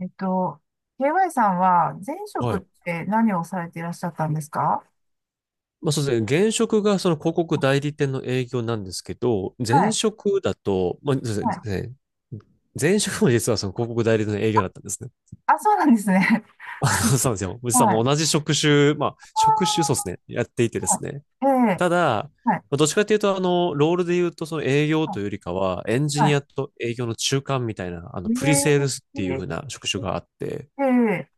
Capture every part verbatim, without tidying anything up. えっと、ケーワイ さんは前職はっい。て何をされていらっしゃったんですか？まあそうですね。現職がその広告代理店の営業なんですけど、は前い。職だと、まあ、そうはですい。ね。前職も実はその広告代理店の営業だったんですね。あ、そうなんですね。あの、そうなんですよ。実ははもうい。同じ職種、まあ、職種そうですね。やっていてではすね。い。ええ、ただ、まはい。あ、どっちかというと、あの、ロールで言うと、その営業はとい。いうよりかは、エンジはニい。アと営業の中間みたいな、あの、えプリセールスっていうえ、風な職種があって、ええ、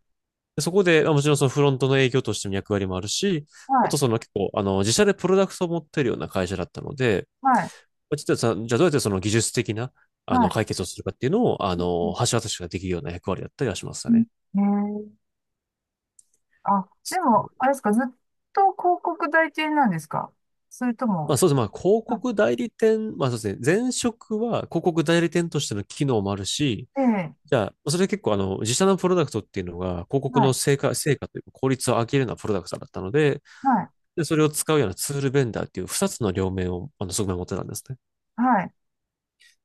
でそこで、まあもちろんそのフロントの営業としての役割もあるし、はあい。とその結構、あの、自社でプロダクトを持ってるような会社だったので、はい。まあちょっとさ、じゃあどうやってその技術的な、あの、は解決をするかっていうのを、あい。うの、ん。橋渡しができるような役割だったりはしましたね。うん。ええ、あ、でも、あれですか、ずっと広告代理店なんですか？それとまあも、そうですね。まあ広は告代理店、まあそうですね。前職は広告代理店としての機能もあるし、い。ええ、じゃあ、それ結構あの、自社のプロダクトっていうのが広告はのい。成果、成果というか効率を上げるようなプロダクトだったので、はい。で、それを使うようなツールベンダーっていう二つの両面を、あの、側面を持ってたんですね。はい。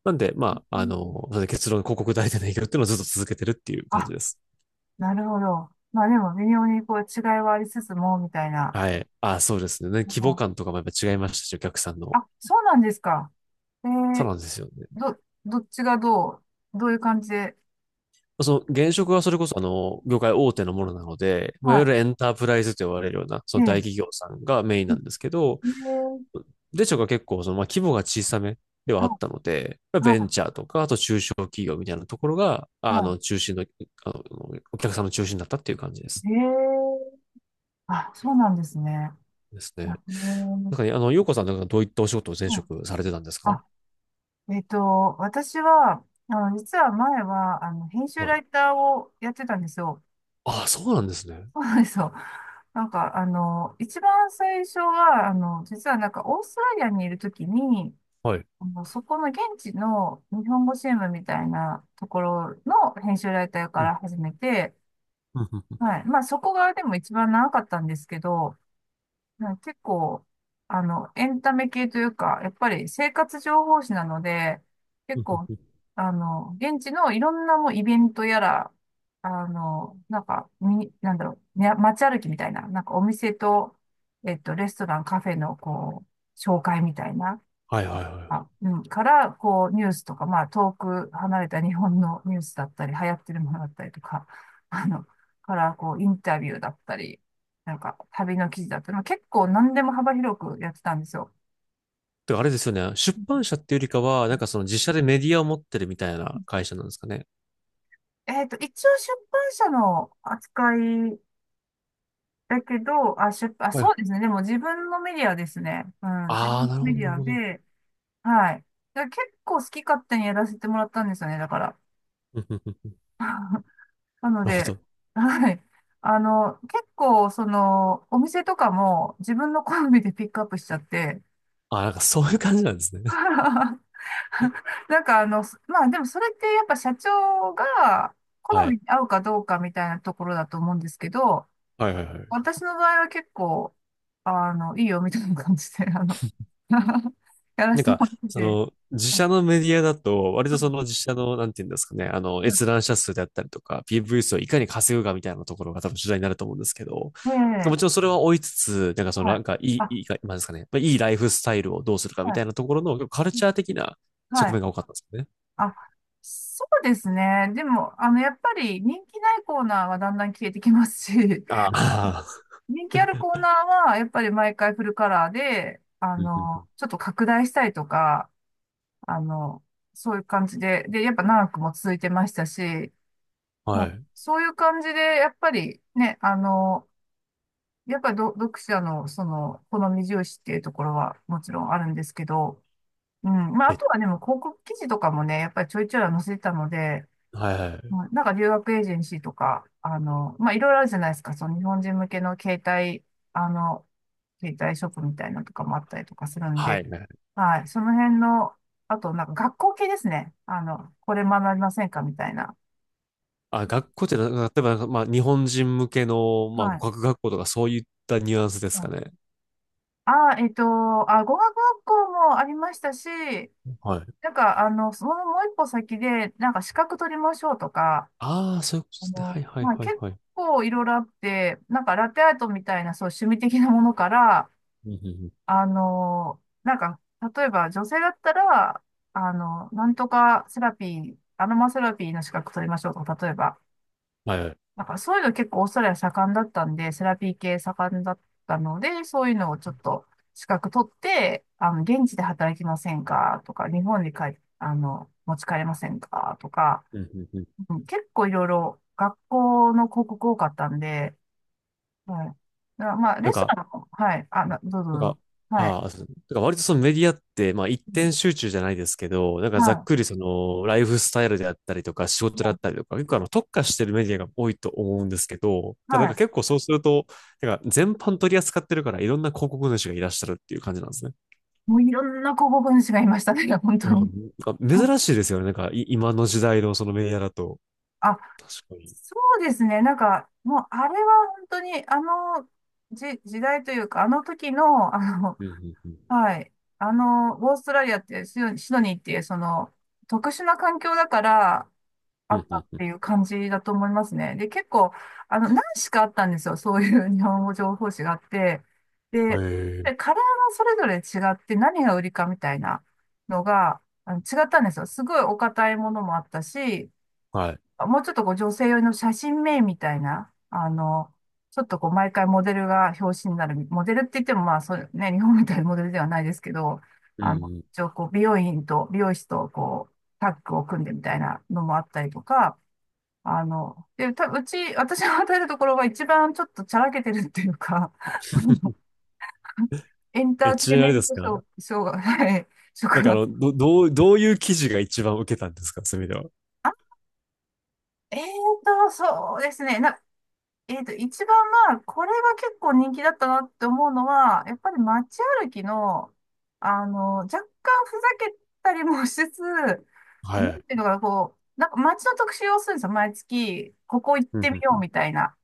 なんで、まうあ、あん。の、それで結論広告代理店の営業っていうのをずっと続けてるっていう感あ、じです。なるほど。まあでも、微妙にこう違いはありつつも、みたいな。はい。あ、そうですね。規模感とかもやっぱ違いましたし、お客さんの。あ、そうなんですか。えそうー、なんですよね。ど、どっちがどう、どういう感じで。その現職はそれこそあの、業界大手のものなので、まあ、いわゆはるエンタープライズと呼ばれるような、そい。えの大え。企業さんがメインなんですけど、ええ。で、しょが結構、その、まあ、規模が小さめでははあったので、い。ベンはチャーとか、あと中小企業みたいなところが、い。あはの、中心の、あの、お客さんの中心だったっていう感じでい。す。ええ。あ、そうなんですね。ですね。あ、うなんん。かね、あの、ようこさんなんかどういったお仕事を前はい。職されてたんですか？あ。えっと、私は、あの、実は前は、あの、編集はラい。イターをやってたんですよ。ああ、そうなんですね。そうなんですよ。なんか、あの、一番最初は、あの、実はなんか、オーストラリアにいるときに、はい。あのそこの現地の日本語新聞みたいなところの編集ライターかうん。ら始めて、うんうんうんはい。まあそこがでも一番長かったんですけど、はい。結構、あの、エンタメ系というか、やっぱり生活情報誌なので、う結ん構、うん。あの、現地のいろんなもうイベントやら、あの、なんか、み、なんだろう、ね、街歩きみたいな、なんかお店と、えっと、レストラン、カフェの、こう、紹介みたいな、はいはいはい。あ、うん、から、こう、ニュースとか、まあ、遠く離れた日本のニュースだったり、流行ってるものだったりとか、あの、から、こう、インタビューだったり、なんか、旅の記事だったり、まあ結構何でも幅広くやってたんですよ。てかあれですよね。出版社っていうよりかは、なんかその自社でメディアを持ってるみたいな会社なんですかね。えっと、一応出版社の扱いだけど、あ、出版、あ、はい。そうですね。でも自分のメディアですね。うん、自あ分あ、のなるメほど、デなるィアほど。で、はい。だから結構好き勝手にやらせてもらったんですよね、だから。うんうんうん。 なのなるほで、ど。はい。あの、結構、その、お店とかも自分の好みでピックアップしちゃって、ああ、なんかそういう感じなんですね。なんかあの、すまあでもそれってやっぱ社長がは好みい。に合うかどうかみたいなところだと思うんですけど、はいはいはい。私の場合は結構、あの、いいよみたいな感じで、あの、やらなせんてか、もらってそて。の、自はい。社のメディアだと、割はとそい。の自社の、なんていうんですかね、あの、は閲い。覧者数であったりとか、ピーブイ 数をいかに稼ぐかみたいなところが多分主題になると思うんですけど、えもちろえ。んそれは追いつつ、なんかその、はない。んか、いあ、い、いいか、なんですかね、まあいいライフスタイルをどうするかはみい。たいなところの、結構カルチャー的なは側い。面が多かったんですよね。あ、そうですね。でも、あの、やっぱり人気ないコーナーはだんだん消えてきますし、ああ。人気あるコーナーは、やっぱり毎回フルカラーで、あうんの、うちょっと拡大したりとか、あの、そういう感じで、で、やっぱ長くも続いてましたし、んうん。もはうい。そういう感じで、やっぱりね、あの、やっぱりど読者の、その、好み重視っていうところはもちろんあるんですけど、うん。まあ、あえ、とはでも広告記事とかもね、やっぱりちょいちょいは載せてたので、はいははい。い。なんか留学エージェンシーとか、あの、まあ、いろいろあるじゃないですか。その日本人向けの携帯、あの、携帯ショップみたいなのとかもあったりとかするんはで、いはい。はい。その辺の、あと、なんか学校系ですね。あの、これ学びませんかみたいな。あ、学校ってな、例えばなんか、まあ、日本人向けの、まあ、は語い。学学校とかそういったニュアンスですかね。あ、えっと、あ、語学学校もありましたし、はい。なんか、あの、そのもう一歩先で、なんか資格取りましょうとか、ああ、そういうことあですね。はの、いはいまあ、はい結はい。構いろいろあって、なんかラテアートみたいな、そう、趣味的なものから、うんうんうん。あの、なんか、例えば女性だったら、あの、なんとかセラピー、アロマセラピーの資格取りましょうとか、例えば、はいはい。なんかそういうの結構オーストラリア盛んだったんで、セラピー系盛んだったので、そういうのをちょっと資格取って、あの、現地で働きませんかとか、日本に帰、あの、持ち帰れませんかとか、うんうんうん。うん。結構いろいろ学校の広告多かったんで、はい。なまあ、なレんストか、ランも、はい。あ、などうぞなんどうか、ぞ。はい。ああ、そう。なんか割とそのメディアって、まあ一うん。点集中じゃないですけど、なんかざっはくりそのライフスタイルであったりとか仕事であっい。たりとか、結構あの特化してるメディアが多いと思うんですけど、はただなんかい。結構そうすると、なんか全般取り扱ってるからいろんな広告主がいらっしゃるっていう感じなんですね。もういろんな候補分子がいましたね、本い当や、なに。んかはい。珍しいですよね。なんかい今の時代のそのメディアだと。あ、確かに。そうですね。なんか、もうあれは本当に、あの、じ、時代というか、あの時の、あの、うんうんうん。はい。あの、オーストラリアってシド、シドニーっていう、その、特殊な環境だから、あうっんたっうていんう感じだと思いますね。で、結構、あの、何しかあったんですよ。そういう 日本語情報誌があって。うで、ん。ええ、でカラーがそれぞれ違って何が売りかみたいなのが、あの、違ったんですよ。すごいお堅いものもあったし、はい。もうちょっとこう女性用の写真名みたいな、あの、ちょっとこう毎回モデルが表紙になる、モデルって言ってもまあそうね、日本みたいなモデルではないですけど、うんうあの、ん。 一応こう美容院と美容師とこうタッグを組んでみたいなのもあったりとか、あの、で、た、うち、私が与えるところが一番ちょっとちゃらけてるっていうか、あの エンタえ、ーちなテイみンにあメれンですトショー、か？ ショーが、はい、なん職かあが、の、ど、どう、どういう記事が一番受けたんですかそういう意味では。あ、えーと、そうですね。な、えーと、一番まあ、これが結構人気だったなって思うのは、やっぱり街歩きの、あの、若干ふざけたりもしつつ、なんはい。ていうのかな、こう、なんか街の特集をするんですよ。毎月、ここ行っうんてうみんうようん。みたいな。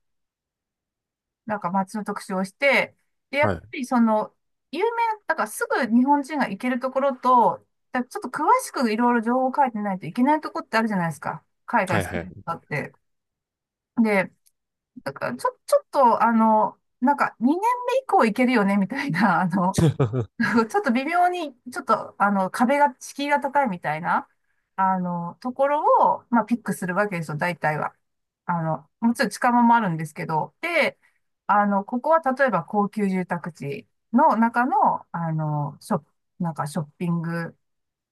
なんか街の特集をして、で、やっはぱい。りその、有名な、だからすぐ日本人が行けるところと、だちょっと詳しくいろいろ情報を書いてないといけないところってあるじゃないですか。海外はい好きはい。だって。で、だからちょ、ちょっと、あの、なんかにねんめ以降行けるよね、みたいな、あの、う ちょっと微妙に、ちょっと、あの、壁が、敷居が高いみたいな、あの、ところを、まあ、ピックするわけですよ、大体は。あの、もちろん近場もあるんですけど、で、あの、ここは例えば高級住宅地の中の、あの、ショップ、なんかショッピング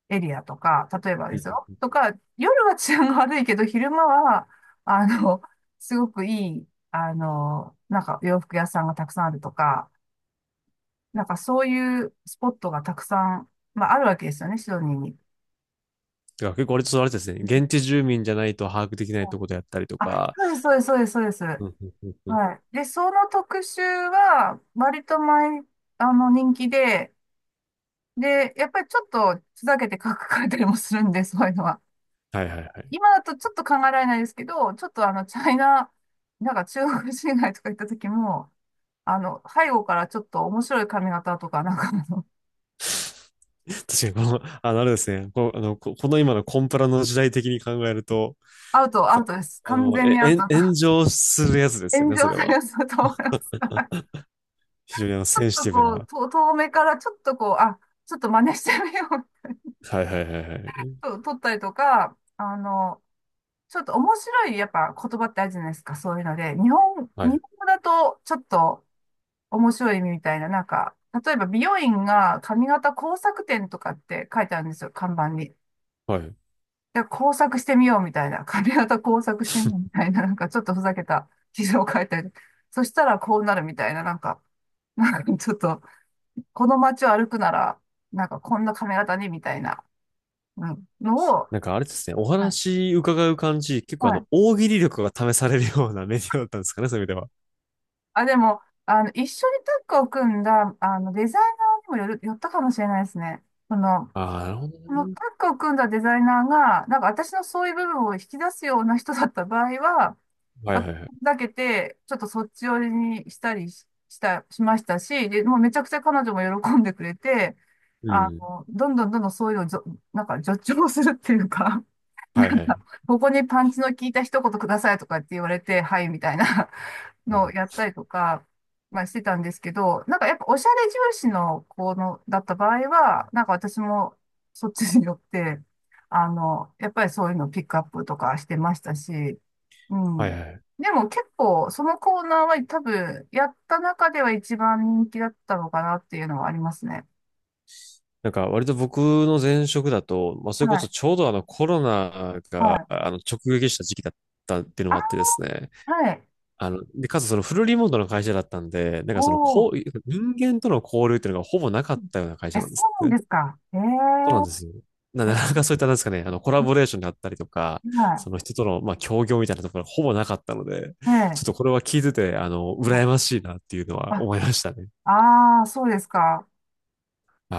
エリアとか、例えばですん。よ、とか、夜は治安が悪いけど、昼間は、あの、すごくいい、あの、なんか洋服屋さんがたくさんあるとか、なんかそういうスポットがたくさん、まあ、あるわけですよね、シドニーに。だから結構あれちょっとあれですね。現地住民じゃないと把握できないところであったりとあ、か。そうです、そうです、そうです、そうです。うんうんうんうはん。い。で、その特集は、割と前、あの、人気で、で、やっぱりちょっとふざけて書かれたりもするんで、そういうのは。はいはいはい。今だとちょっと考えられないですけど、ちょっとあの、チャイナ、なんか中国人街とか行った時も、あの、背後からちょっと面白い髪型とか、なんかあの、確かにこの、あの、あれですね。この、あの、ここの今のコンプラの時代的に考えると、アウト、アさウトです。あ完の、全え、にアウえト。ん炎上するやつですよ炎ね、そ上れさは。れそうと思う。非常にあの、ょっセンシとティブこう、な。と遠目からちょっとこう、あ、ちょっと真似してみようはいはいはいはい。と、撮ったりとか、あの、ちょっと面白いやっぱ言葉ってあるじゃないですか、そういうので。日本、は日い。本語だとちょっと面白い意味みたいな、なんか、例えば美容院が髪型工作店とかって書いてあるんですよ、看板に。はい。で、工作してみようみたいな、髪型工作してみようみたいな、なんかちょっとふざけた記事を書いてある。そしたらこうなるみたいな、なんか、なんかちょっと、この街を歩くなら、なんかこんな髪型にみたいな、うん、のを、なんかあれですね、おはい。話伺う感じ、結構あはの、い。大喜利力が試されるようなメディアだったんですかね、そういう意味では。あ、でも、あの、一緒にタッグを組んだ、あの、デザイナーにもよる、よったかもしれないですね。その、ああ、なるほどこのね。タッグを組んだデザイナーが、なんか私のそういう部分を引き出すような人だった場合は、はいは私いはい。だけて、ちょっとそっち寄りにしたりし、した、しましたし、で、もうめちゃくちゃ彼女も喜んでくれて、うあん。の、どんどんどんどんそういうのをじょ、なんか助長するっていうか なはいんはか、い。ここにパンチの効いた一言くださいとかって言われて、はいみたいな あのをの、やったりとか、まあしてたんですけど、なんかやっぱおしゃれ重視の子のだった場合は、なんか私もそっちによって、あの、やっぱりそういうのをピックアップとかしてましたし、うはいん。はい。でも結構そのコーナーは多分やった中では一番人気だったのかなっていうのはありますね。なんか割と僕の前職だと、まあはそれこそい。ちょうどあのコロナはがい。あの直撃した時期だったっていうのあ、もあってですね。はい。あの、で、かつそのフルリモートの会社だったんで、なんかそのおー。こう、人間との交流っていうのがほぼなかうっん。たような会え、社なんでそすうね。なんですか。ええそうなんでえ、すよ。な、なかなかそういった、なんですかね、あの、コラボレーションであったりとか、はその人との、まあ、協業みたいなところはほぼなかったので、い。えちょっえ。とこれは聞いてて、あの、羨ましいなっていうのはあ、思いましたね。はああ、そうですか。い